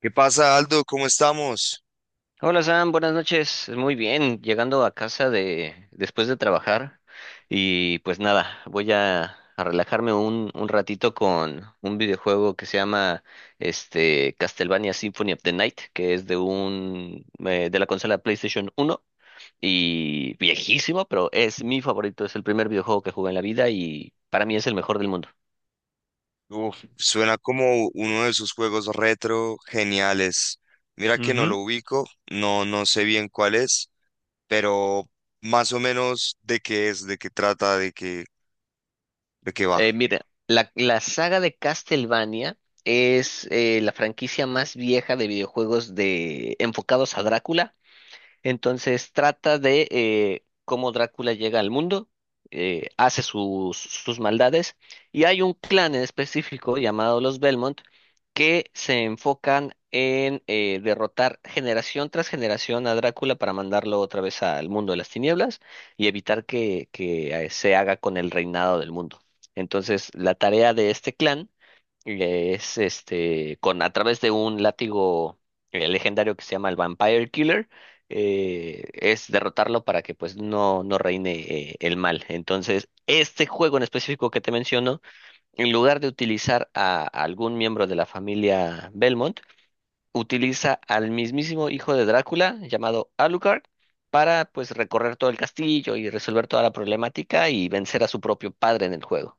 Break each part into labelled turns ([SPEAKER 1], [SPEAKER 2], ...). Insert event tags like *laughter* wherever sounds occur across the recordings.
[SPEAKER 1] ¿Qué pasa, Aldo? ¿Cómo estamos?
[SPEAKER 2] Hola Sam, buenas noches. Muy bien, llegando a casa de después de trabajar y pues nada, a relajarme un ratito con un videojuego que se llama Castlevania Symphony of the Night, que es de un de la consola PlayStation uno y viejísimo, pero es mi favorito, es el primer videojuego que jugué en la vida y para mí es el mejor del mundo.
[SPEAKER 1] Uf, suena como uno de esos juegos retro geniales. Mira que no lo ubico, no, no sé bien cuál es, pero más o menos de qué es, de qué trata, de qué va.
[SPEAKER 2] Mira, la saga de Castlevania es la franquicia más vieja de videojuegos de, enfocados a Drácula. Entonces trata de cómo Drácula llega al mundo, hace sus maldades, y hay un clan en específico llamado los Belmont que se enfocan en derrotar generación tras generación a Drácula para mandarlo otra vez al mundo de las tinieblas y evitar que se haga con el reinado del mundo. Entonces, la tarea de este clan es con a través de un látigo legendario que se llama el Vampire Killer. Es derrotarlo para que pues no, no reine el mal. Entonces, este juego en específico que te menciono, en lugar de utilizar a algún miembro de la familia Belmont, utiliza al mismísimo hijo de Drácula, llamado Alucard, para pues recorrer todo el castillo y resolver toda la problemática y vencer a su propio padre en el juego.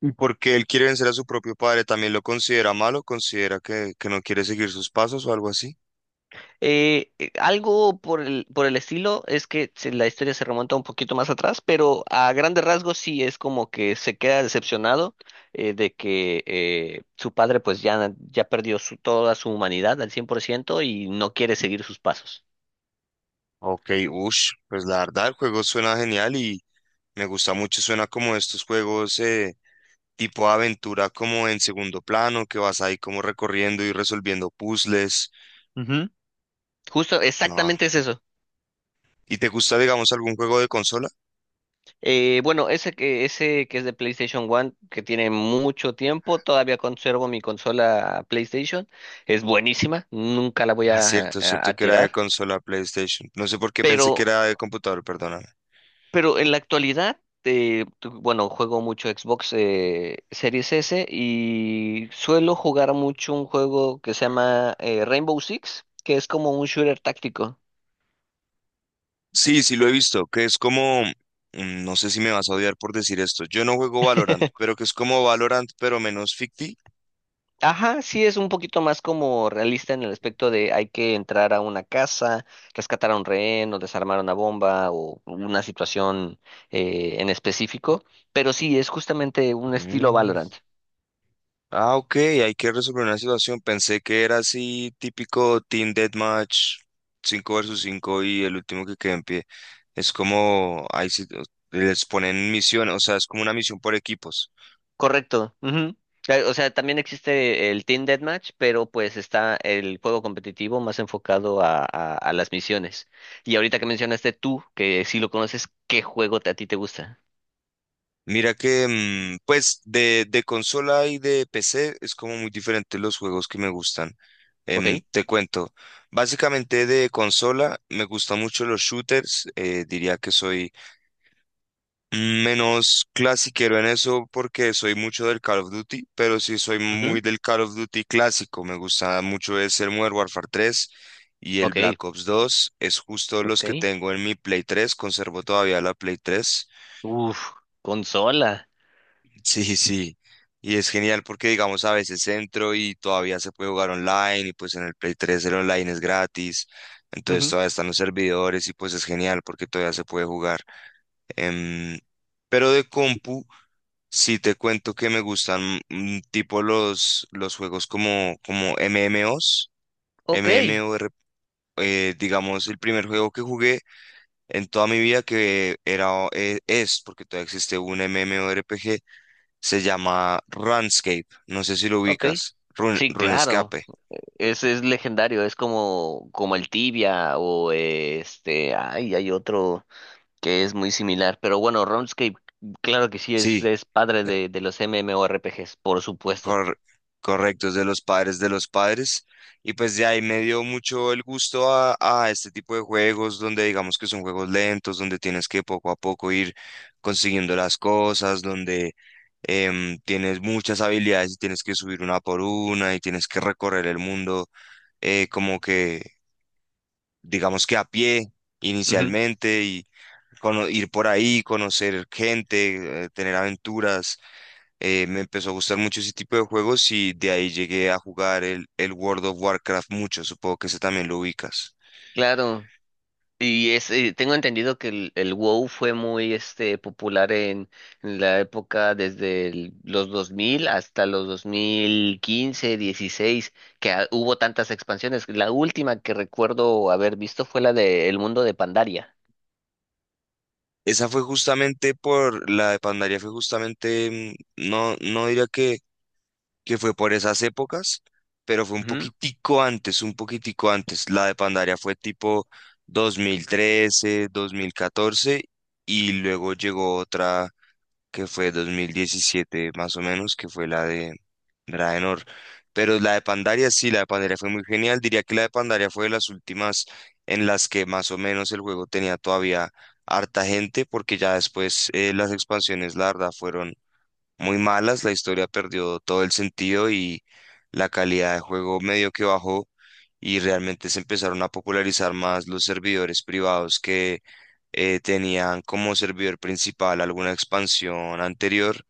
[SPEAKER 1] Y porque él quiere vencer a su propio padre, ¿también lo considera malo? ¿Considera que no quiere seguir sus pasos o algo así?
[SPEAKER 2] Algo por por el estilo. Es que la historia se remonta un poquito más atrás, pero a grandes rasgos sí es como que se queda decepcionado, de que su padre pues ya perdió su, toda su humanidad al 100% y no quiere seguir sus pasos.
[SPEAKER 1] Ok, ush, pues la verdad el juego suena genial y me gusta mucho, suena como estos juegos tipo aventura como en segundo plano, que vas ahí como recorriendo y resolviendo puzzles.
[SPEAKER 2] Ujú. Justo,
[SPEAKER 1] No.
[SPEAKER 2] exactamente es eso.
[SPEAKER 1] ¿Y te gusta, digamos, algún juego de consola?
[SPEAKER 2] Bueno, ese que es de PlayStation One, que tiene mucho tiempo, todavía conservo mi consola PlayStation, es buenísima, nunca la voy
[SPEAKER 1] Ah, cierto, cierto
[SPEAKER 2] a
[SPEAKER 1] que era de
[SPEAKER 2] tirar,
[SPEAKER 1] consola PlayStation. No sé por qué pensé que
[SPEAKER 2] pero
[SPEAKER 1] era de computador, perdóname.
[SPEAKER 2] Pero en la actualidad, bueno, juego mucho Xbox Series S y suelo jugar mucho un juego que se llama Rainbow Six, que es como un shooter táctico.
[SPEAKER 1] Sí, sí lo he visto, que es como, no sé si me vas a odiar por decir esto, yo no juego Valorant, pero
[SPEAKER 2] *laughs*
[SPEAKER 1] que es como Valorant, pero menos ficti.
[SPEAKER 2] Ajá, sí es un poquito más como realista en el aspecto de hay que entrar a una casa, rescatar a un rehén o desarmar una bomba o una situación en específico, pero sí es justamente un estilo Valorant.
[SPEAKER 1] Ah, ok, hay que resolver una situación. Pensé que era así, típico Team Deathmatch, 5 versus 5 y el último que quede en pie. Es como, ahí sí, les ponen misión, o sea, es como una misión por equipos.
[SPEAKER 2] Correcto, ujú. O sea, también existe el Team Deathmatch, pero pues está el juego competitivo más enfocado a las misiones. Y ahorita que mencionaste tú, que sí lo conoces, ¿qué juego a ti te gusta?
[SPEAKER 1] Mira que, pues, de consola y de PC es como muy diferente los juegos que me gustan.
[SPEAKER 2] ¿Ok?
[SPEAKER 1] Te cuento, básicamente de consola me gustan mucho los shooters, diría que soy menos clasiquero en eso porque soy mucho del Call of Duty, pero sí soy
[SPEAKER 2] Ujú.
[SPEAKER 1] muy del Call of Duty clásico. Me gusta mucho es el Modern Warfare tres y el
[SPEAKER 2] Ok,
[SPEAKER 1] Black Ops dos. Es justo los
[SPEAKER 2] ok.
[SPEAKER 1] que tengo en mi Play tres. Conservo todavía la Play tres.
[SPEAKER 2] Uf, consola.
[SPEAKER 1] *laughs* Sí, sí. Y es genial porque, digamos, a veces entro y todavía se puede jugar online y pues en el Play tres el online es gratis. Entonces
[SPEAKER 2] Ujú.
[SPEAKER 1] todavía están los servidores y pues es genial porque todavía se puede jugar. Em, pero de compu. Sí, te cuento que me gustan tipo los juegos como MMOs,
[SPEAKER 2] Ok,
[SPEAKER 1] MMOR, digamos, el primer juego que jugué en toda mi vida que es, porque todavía existe un MMORPG, se llama RuneScape, no sé si lo
[SPEAKER 2] ok.
[SPEAKER 1] ubicas,
[SPEAKER 2] Sí, claro.
[SPEAKER 1] RuneScape,
[SPEAKER 2] Ese es legendario, es como, como el Tibia o ay, hay otro que es muy similar. Pero bueno, RuneScape, claro que sí,
[SPEAKER 1] sí.
[SPEAKER 2] es padre de los MMORPGs, por supuesto.
[SPEAKER 1] Cor- correctos de los padres de los padres. Y pues de ahí me dio mucho el gusto a este tipo de juegos donde digamos que son juegos lentos, donde tienes que poco a poco ir consiguiendo las cosas, donde tienes muchas habilidades y tienes que subir una por una y tienes que recorrer el mundo como que digamos que a pie
[SPEAKER 2] Ujú.
[SPEAKER 1] inicialmente y ir por ahí, conocer gente, tener aventuras. Me empezó a gustar mucho ese tipo de juegos y de ahí llegué a jugar el World of Warcraft mucho. Supongo que ese también lo ubicas.
[SPEAKER 2] Claro, tengo entendido que el WoW fue muy popular en la época desde los 2000 hasta los 2015, 16, que ah, hubo tantas expansiones. La última que recuerdo haber visto fue la de El Mundo de Pandaria.
[SPEAKER 1] Esa fue justamente por la de Pandaria, fue justamente, no, no diría que fue por esas épocas, pero fue un
[SPEAKER 2] Ujú.
[SPEAKER 1] poquitico antes, un poquitico antes. La de Pandaria fue tipo 2013, 2014 y luego llegó otra, que fue 2017 más o menos, que fue la de Draenor. Pero la de Pandaria sí, la de Pandaria fue muy genial. Diría que la de Pandaria fue de las últimas en las que más o menos el juego tenía todavía harta gente, porque ya después las expansiones, la verdad, fueron muy malas, la historia perdió todo el sentido y la calidad de juego medio que bajó y realmente se empezaron a popularizar más los servidores privados que tenían como servidor principal alguna expansión anterior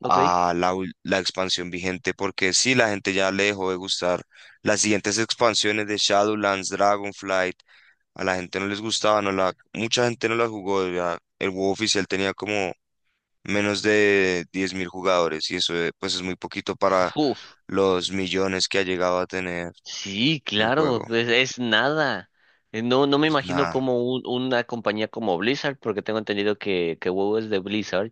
[SPEAKER 2] ¿Ok?
[SPEAKER 1] a la expansión vigente, porque sí, la gente ya le dejó de gustar las siguientes expansiones de Shadowlands, Dragonflight. A la gente no les gustaba, mucha gente no la jugó, ya el WoW oficial tenía como menos de 10.000 jugadores y eso pues es muy poquito para
[SPEAKER 2] Uf.
[SPEAKER 1] los millones que ha llegado a tener
[SPEAKER 2] Sí,
[SPEAKER 1] el
[SPEAKER 2] claro,
[SPEAKER 1] juego.
[SPEAKER 2] es nada. No, no me
[SPEAKER 1] Pues
[SPEAKER 2] imagino
[SPEAKER 1] nada,
[SPEAKER 2] como una compañía como Blizzard, porque tengo entendido que WoW es de Blizzard.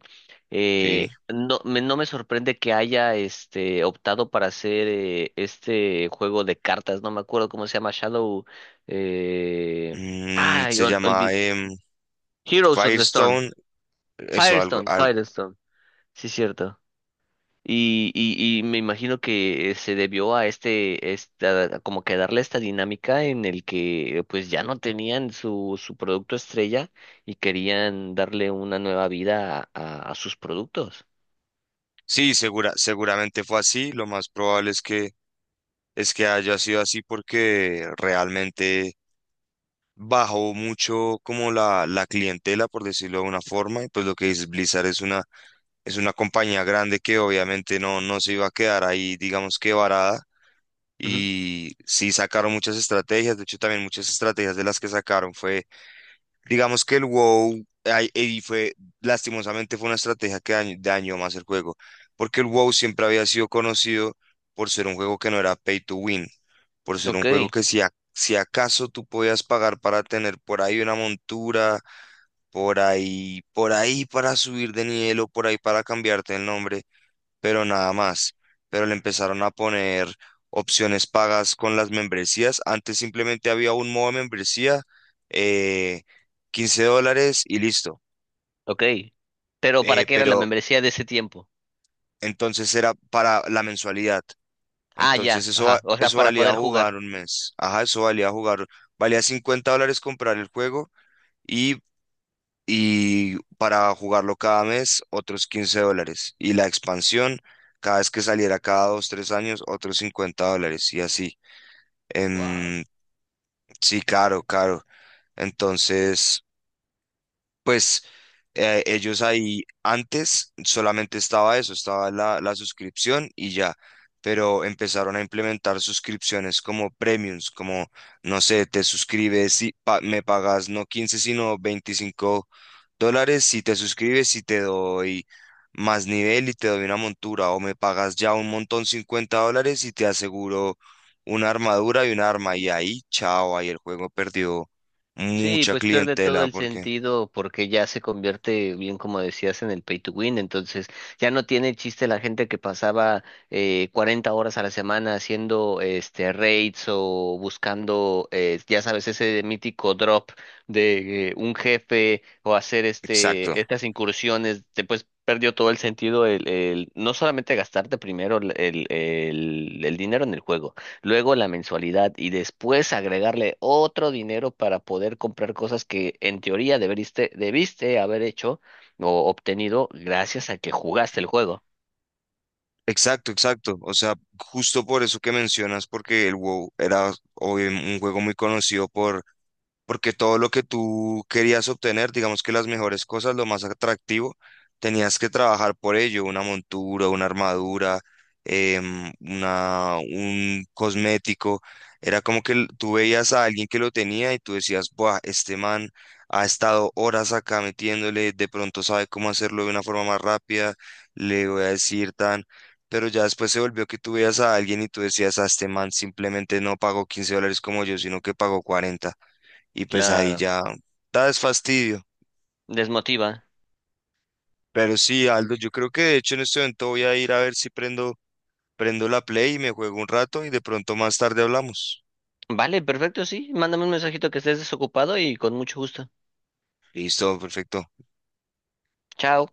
[SPEAKER 1] sí.
[SPEAKER 2] No me sorprende que haya optado para hacer este juego de cartas, no me acuerdo cómo se llama, Shadow, eh...
[SPEAKER 1] Mm,
[SPEAKER 2] Ay,
[SPEAKER 1] se llama
[SPEAKER 2] Heroes of the Storm,
[SPEAKER 1] Firestone, eso algo.
[SPEAKER 2] Firestone, Firestone, sí, cierto. Y me imagino que se debió a esta, como que darle esta dinámica en el que pues ya no tenían su producto estrella y querían darle una nueva vida a sus productos.
[SPEAKER 1] Sí, seguramente fue así. Lo más probable es que, haya sido así porque realmente bajó mucho como la clientela, por decirlo de una forma. Y pues lo que dices, Blizzard es una compañía grande que obviamente no, no se iba a quedar ahí, digamos que varada.
[SPEAKER 2] Ujú.
[SPEAKER 1] Y sí sacaron muchas estrategias. De hecho, también muchas estrategias de las que sacaron fue. Digamos que el WoW ay, lastimosamente fue una estrategia que dañó más el juego, porque el WoW siempre había sido conocido por ser un juego que no era pay to win, por ser
[SPEAKER 2] Ok,
[SPEAKER 1] un juego que si acaso tú podías pagar para tener por ahí una montura, por ahí para subir de nivel o por ahí para cambiarte el nombre, pero nada más. Pero le empezaron a poner opciones pagas con las membresías. Antes simplemente había un modo de membresía, eh, $15 y listo.
[SPEAKER 2] ok. Pero ¿para
[SPEAKER 1] Eh,
[SPEAKER 2] qué era la
[SPEAKER 1] pero
[SPEAKER 2] membresía de ese tiempo?
[SPEAKER 1] entonces era para la mensualidad.
[SPEAKER 2] Ah,
[SPEAKER 1] Entonces
[SPEAKER 2] ya,
[SPEAKER 1] eso,
[SPEAKER 2] ajá. O sea,
[SPEAKER 1] eso
[SPEAKER 2] para
[SPEAKER 1] valía
[SPEAKER 2] poder
[SPEAKER 1] jugar
[SPEAKER 2] jugar.
[SPEAKER 1] un mes. Ajá, eso valía jugar. Valía $50 comprar el juego y, y para jugarlo cada mes otros $15. Y la expansión, cada vez que saliera cada dos, tres años, otros $50 y así.
[SPEAKER 2] Wow.
[SPEAKER 1] Em, sí, claro, claro. Entonces, pues ellos ahí antes solamente estaba eso, estaba la suscripción y ya, pero empezaron a implementar suscripciones como premiums, como, no sé, te suscribes y me pagas no 15 sino $25 si te suscribes y te doy más nivel y te doy una montura o me pagas ya un montón $50 y te aseguro una armadura y un arma y ahí, chao, ahí el juego perdió
[SPEAKER 2] Sí,
[SPEAKER 1] mucha
[SPEAKER 2] pues pierde todo
[SPEAKER 1] clientela
[SPEAKER 2] el
[SPEAKER 1] porque...
[SPEAKER 2] sentido porque ya se convierte, bien como decías, en el pay to win. Entonces ya no tiene chiste la gente que pasaba 40 horas a la semana haciendo raids o buscando, ya sabes, ese mítico drop de un jefe o hacer
[SPEAKER 1] Exacto,
[SPEAKER 2] estas incursiones. Después perdió todo el sentido el no solamente gastarte primero el dinero en el juego luego la mensualidad y después agregarle otro dinero para poder comprar cosas que en teoría debiste haber hecho o obtenido gracias a que jugaste el juego.
[SPEAKER 1] exacto, exacto. O sea, justo por eso que mencionas, porque el WoW era obvio, un juego muy conocido porque todo lo que tú querías obtener, digamos que las mejores cosas, lo más atractivo, tenías que trabajar por ello, una montura, una armadura, un cosmético. Era como que tú veías a alguien que lo tenía y tú decías, buah, este man ha estado horas acá metiéndole, de pronto sabe cómo hacerlo de una forma más rápida, le voy a decir tan... Pero ya después se volvió que tú veías a alguien y tú decías, a este man simplemente no pagó $15 como yo, sino que pagó 40 y pues ahí
[SPEAKER 2] Claro,
[SPEAKER 1] ya da es fastidio.
[SPEAKER 2] desmotiva.
[SPEAKER 1] Pero sí, Aldo, yo creo que de hecho en este momento voy a ir a ver si prendo la Play y me juego un rato y de pronto más tarde hablamos.
[SPEAKER 2] Vale, perfecto, sí. Mándame un mensajito que estés desocupado y con mucho gusto.
[SPEAKER 1] Listo, perfecto.
[SPEAKER 2] Chao.